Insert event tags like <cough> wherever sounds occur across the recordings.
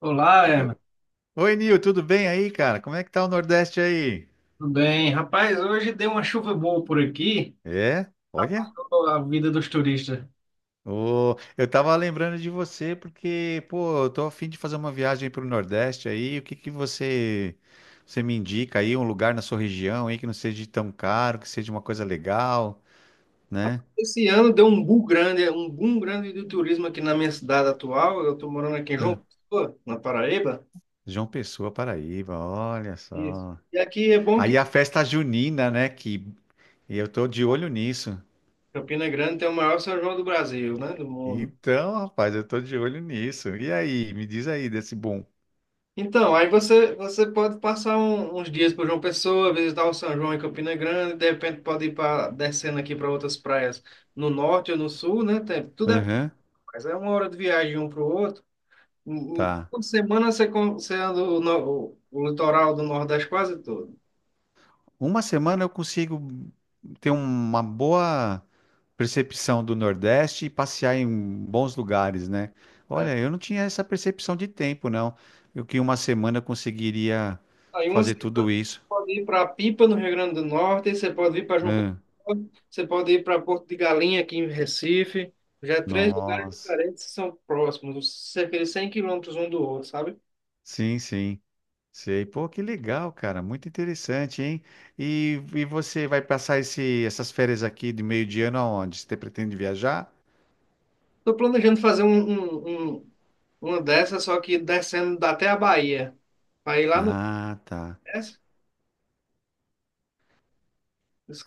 Olá, Herman. Oi, Nil, tudo bem aí, cara? Como é que tá o Nordeste aí? Tudo bem? Rapaz, hoje deu uma chuva boa por aqui, É? Olha, a vida dos turistas. ô, eu tava lembrando de você porque, pô, eu tô a fim de fazer uma viagem pro Nordeste aí. O que que você me indica aí, um lugar na sua região aí que não seja tão caro, que seja uma coisa legal, né? Esse ano deu um boom grande do turismo aqui na minha cidade atual. Eu estou morando aqui em João Ah, Pessoa, na Paraíba. João Pessoa, Paraíba, olha Isso. só. E aqui é bom Aí que a festa junina, né, que eu tô de olho nisso. Campina Grande tem o maior São João do Brasil, né? Do mundo. Então, rapaz, eu tô de olho nisso. E aí, me diz aí desse bom. Então, aí você pode passar uns dias por João Pessoa, visitar o São João em Campina Grande, de repente pode ir descendo aqui para outras praias no norte ou no sul, né? Tudo é, Aham, mas é uma hora de viagem um para o outro. Tá. Toda semana você anda o, no- o litoral do Nordeste quase todo. Uma semana eu consigo ter uma boa percepção do Nordeste e passear em bons lugares, né? É. Olha, eu não tinha essa percepção de tempo, não. Eu que em uma semana eu conseguiria Aí uma fazer semana você tudo isso. pode ir para Pipa, no Rio Grande do Norte, você pode ir para João Pessoa, Hã, você pode ir para Porto de Galinha, aqui em Recife. Já é três lugares nossa. diferentes que são próximos, cerca de 100 quilômetros um do outro, sabe? Sim, sim. Sei. Pô, que legal, cara. Muito interessante, hein? E você vai passar essas férias aqui de meio de ano aonde? Você pretende viajar? Estou planejando fazer uma dessas, só que descendo até a Bahia. Para ir lá no Ah, tá. Nordeste,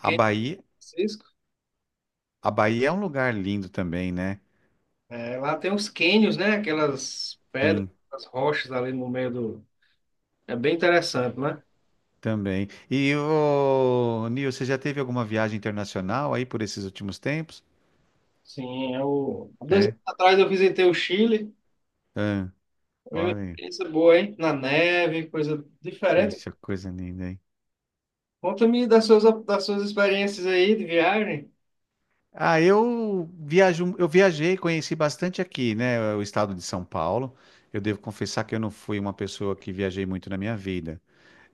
A Bahia, a Bahia é um lugar lindo também, né? É, lá tem os cânions, né? Aquelas pedras, Sim. as rochas ali no meio do. É bem interessante, né? Também. E o Nil, você já teve alguma viagem internacional aí por esses últimos tempos? Sim, eu. Há Dois É? anos atrás eu visitei o Chile. Ah, Foi uma olha, aí. experiência boa, hein? Na neve, coisa diferente. Poxa, coisa linda, hein? Conta-me das suas experiências aí de viagem. Ah, eu viajo, eu viajei, conheci bastante aqui, né? O estado de São Paulo. Eu devo confessar que eu não fui uma pessoa que viajei muito na minha vida.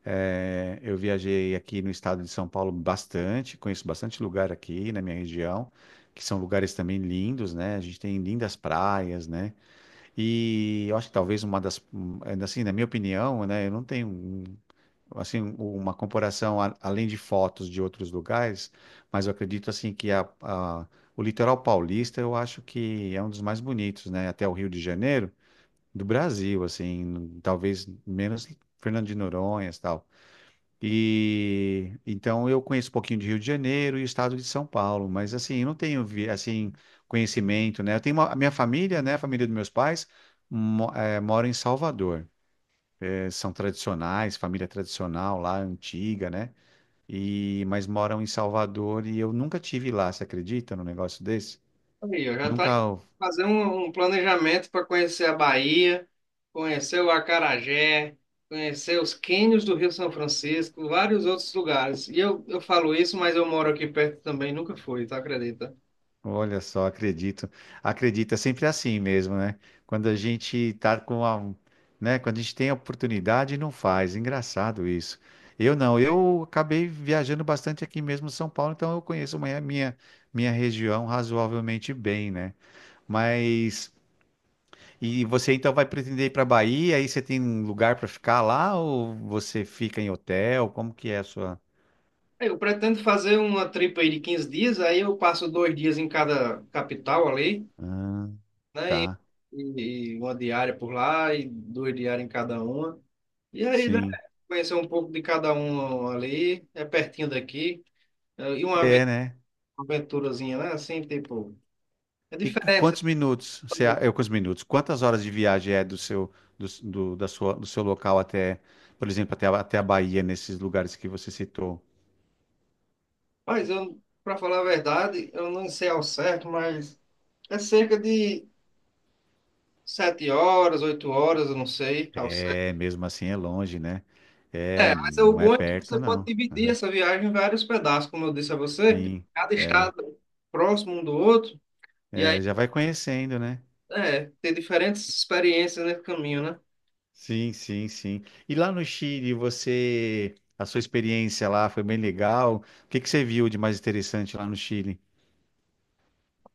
É, eu viajei aqui no estado de São Paulo bastante, conheço bastante lugar aqui na minha região, que são lugares também lindos, né? A gente tem lindas praias, né? E eu acho que talvez uma das, um, ainda assim, na minha opinião, né, eu não tenho um- assim uma comparação a- além de fotos de outros lugares, mas eu acredito assim que o litoral paulista eu acho que é um dos mais bonitos, né, até o Rio de Janeiro do Brasil, assim, talvez menos Fernando de Noronha, e tal. E então eu conheço um pouquinho de Rio de Janeiro e o estado de São Paulo, mas assim, eu não tenho vi- assim conhecimento, né? Eu tenho uma- a minha família, né, a família dos meus pais mo, mora em Salvador. São tradicionais, família tradicional lá, antiga, né? E mas moram em Salvador e eu nunca tive lá, você acredita num negócio desse? Aí, eu já tá Nunca. indo fazer um planejamento para conhecer a Bahia, conhecer o Acarajé, conhecer os cânions do Rio São Francisco, vários outros lugares. E eu falo isso, mas eu moro aqui perto também, nunca fui, tá? Acredita? Olha só, acredito. Acredito, é sempre assim mesmo, né? Quando a gente tá com a, né? Quando a gente tem a oportunidade, não faz. Engraçado isso. Eu não, eu acabei viajando bastante aqui mesmo em São Paulo, então eu conheço minha região razoavelmente bem, né? Mas, e você então vai pretender ir para Bahia, aí você tem um lugar para ficar lá ou você fica em hotel? Como que é a sua... Eu pretendo fazer uma tripa aí de 15 dias, aí eu passo 2 dias em cada capital ali, Ah, né? E, tá, e, e uma diária por lá, e 2 diárias em cada uma. E aí, né? sim. Conhecer um pouco de cada um ali, é pertinho daqui. E uma vez É, né? aventurazinha, né? Assim, tipo, é E diferente. Você quantos minutos você, a- sabe? é, quantos minutos? Quantas horas de viagem é do seu da sua, do seu local até, por exemplo, até, a- até a Bahia, nesses lugares que você citou? Mas eu, para falar a verdade, eu não sei ao certo, mas é cerca de 7 horas, 8 horas, eu não sei ao certo. É, mesmo assim é longe, né? É, É, mas é o não é bom é que perto, você pode não. dividir Aham. essa viagem em vários pedaços, como eu disse a você, Sim. cada É, estado próximo um do outro, e aí, já vai conhecendo, né? é, ter diferentes experiências nesse caminho, né? Sim, sim, sim. E lá no Chile, você, a sua experiência lá foi bem legal. O que que você viu de mais interessante lá no Chile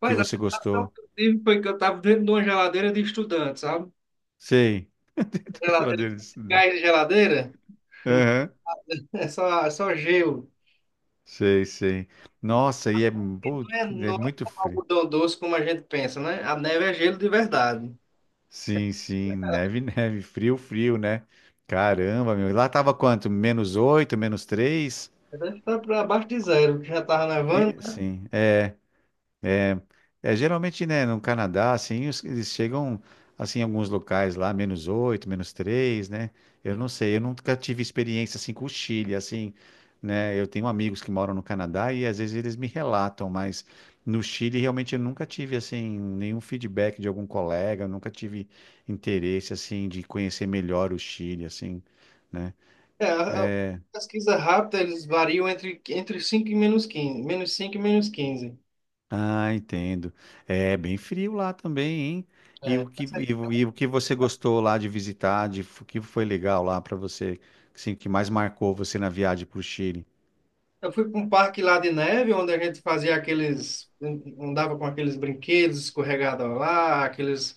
que Mas a você sensação gostou? que eu tive foi que eu estava dentro de uma geladeira de estudante, sabe? Sei. <laughs> A Geladeira, geladeira de estudar. gás de geladeira, <laughs> é só gelo. Sei, sei. Nossa, pô, É, é não é muito um frio. algodão doce como a gente pensa, né? A neve é gelo de verdade. Sim, sim, neve, <laughs> neve, frio, frio, né? Caramba, meu. Lá tava quanto? Menos oito, menos três? Deve estar para abaixo de zero, que já estava nevando. Sim, é, geralmente, né, no Canadá, assim, os- eles chegam, assim, em alguns locais lá, menos 8, menos 3, né? Eu não sei, eu nunca tive experiência, assim, com o Chile, assim, né? Eu tenho amigos que moram no Canadá e às vezes eles me relatam, mas no Chile, realmente, eu nunca tive, assim, nenhum feedback de algum colega, eu nunca tive interesse, assim, de conhecer melhor o Chile, assim, né? É, a pesquisa rápida, eles variam entre 5 e -15. -5 e -15. Ah, entendo. É bem frio lá também, hein? E É. o que, Essa aí e, foi o uma- e o que você gostou lá de visitar, de, o que foi legal lá para você, assim, que mais marcou você na viagem para o Chile? Eu fui para um parque lá de neve, onde a gente fazia aqueles. Andava com aqueles brinquedos escorregados lá, aqueles,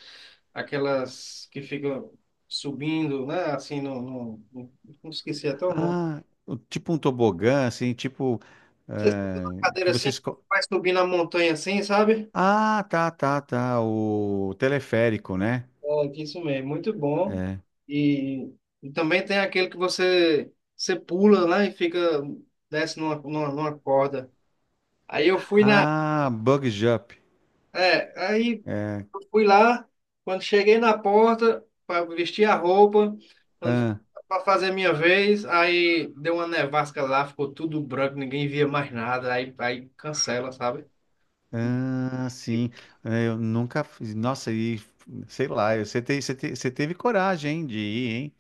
aquelas que ficam subindo, né? Assim, não esqueci até o nome. Ah, o- tipo um tobogã, assim, tipo, Você senta na cadeira que assim, vocês... co- vai subindo a montanha assim, sabe? Ah, tá, tá, tá, o teleférico, né? É, que isso mesmo, muito bom. E, e também tem aquele que você pula, né? E fica, desce numa corda. Aí eu fui na. Ah, bug jump. É, aí É, eu fui lá, quando cheguei na porta para vestir a roupa, ah, para fazer minha vez, aí deu uma nevasca lá, ficou tudo branco, ninguém via mais nada, aí cancela, sabe? ah, sim. É, eu nunca fiz. Nossa, e sei lá, você teve coragem, hein, de ir, hein?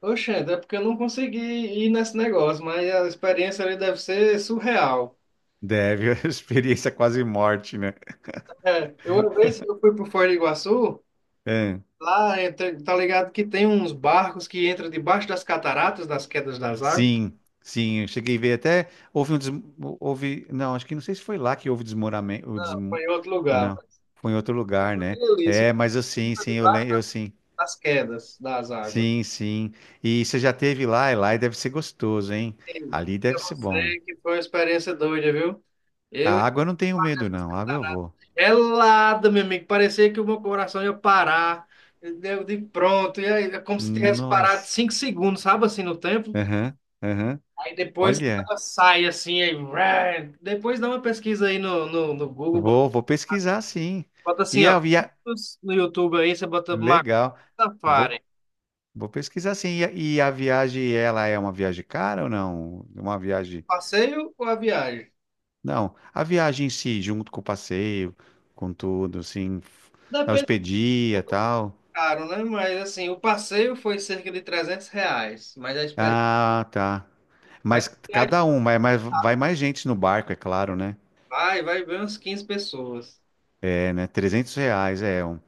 Oxente, é porque eu não consegui ir nesse negócio, mas a experiência ali deve ser surreal. Deve, <laughs> a experiência quase morte, né? É, eu uma vez eu fui pro Foz do Iguaçu, É, lá entre- tá ligado que tem uns barcos que entram debaixo das cataratas, das quedas das águas, sim, sim, eu cheguei a ver até, houve um, des- houve, não, acho que não sei se foi lá que houve desmoramento, o foi desmo, em outro lugar. não, Mas, foi em outro lugar, tipo, né? aquilo ali, isso É, mas eu sim, fica sim, eu, debaixo lem- eu das, sim, das quedas das águas. sim, sim, e você já teve lá, e lá deve ser gostoso, hein? E Ali pra deve ser bom. você que foi uma experiência doida, viu? A Eu água eu não tenho medo, não, a água eu vou. Gelada, meu amigo. Parecia que o meu coração ia parar. Eu digo, pronto. E aí, é como se tivesse parado Nossa, 5 segundos, sabe, assim, no tempo. aham, aham, Aí depois olha, ela sai, assim, aí, ué. Depois dá uma pesquisa aí no Google. Bota, vou pesquisar, sim, bota assim, e a, ó. e a, No YouTube aí, você bota Macuco legal. Vou Safari. Vou pesquisar sim. E a viagem, ela é uma viagem cara ou não? Uma viagem. Passeio ou a viagem? Não, a viagem em si, junto com o passeio, com tudo, assim, f- a Depende, hospedia e tal. caro, né? Mas, assim, o passeio foi cerca de R$ 300. Mas a experiência. Ah, tá. Mas Mas a viagem cada um, mas vai mais gente no barco, é claro, né? vai ver umas 15 pessoas. É, né? 300 reais é um.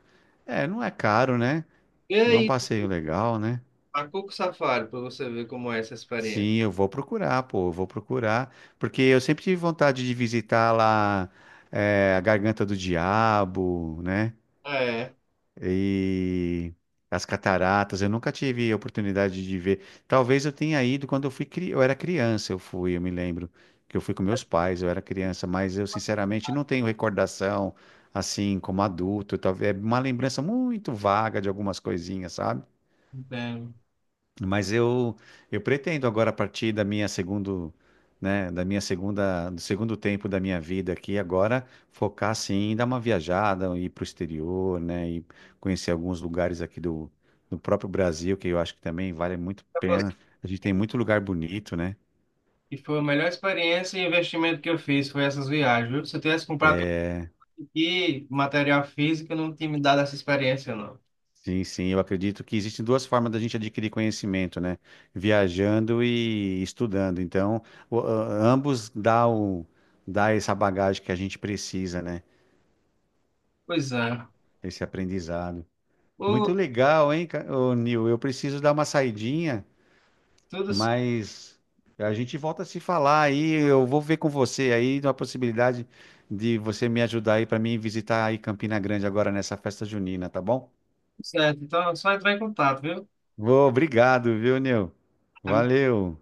É, não é caro, né? E Não é um aí, passeio legal, né? a Macuco Safari, para você ver como é essa experiência. Sim, eu vou procurar, pô, eu vou procurar. Porque eu sempre tive vontade de visitar lá, é, a Garganta do Diabo, né? É, E as cataratas. Eu nunca tive a oportunidade de ver. Talvez eu tenha ido quando eu fui, cri- eu era criança, eu fui, eu me lembro que eu fui com meus pais, eu era criança, mas eu sinceramente não tenho recordação assim como adulto. Talvez é uma lembrança muito vaga de algumas coisinhas, sabe? entendo. Mas eu eu pretendo agora a partir da minha segundo, né, da minha segunda, do segundo tempo da minha vida aqui agora focar sim em dar uma viajada, ir para o exterior, né, e conhecer alguns lugares aqui do próprio Brasil, que eu acho que também vale muito a pena. A gente tem muito lugar bonito, né? E foi a melhor experiência e investimento que eu fiz, foi essas viagens, viu? Se eu tivesse comprado tudo aqui, material físico, eu não tinha me dado essa experiência, não. Sim, sim, eu acredito que existem duas formas da gente adquirir conhecimento, né? Viajando e estudando. Então, o- a- ambos dá o dá essa bagagem que a gente precisa, né? Pois é. Esse aprendizado. Muito Ô, legal, hein, ca- ô, Nil? Eu preciso dar uma saidinha, tudo mas a gente volta a se falar aí. Eu vou ver com você aí uma possibilidade de você me ajudar aí para mim visitar aí Campina Grande agora nessa festa junina, tá bom? certo. Então, é só entrar em contato, viu? Ô, obrigado, viu, Nil? Valeu.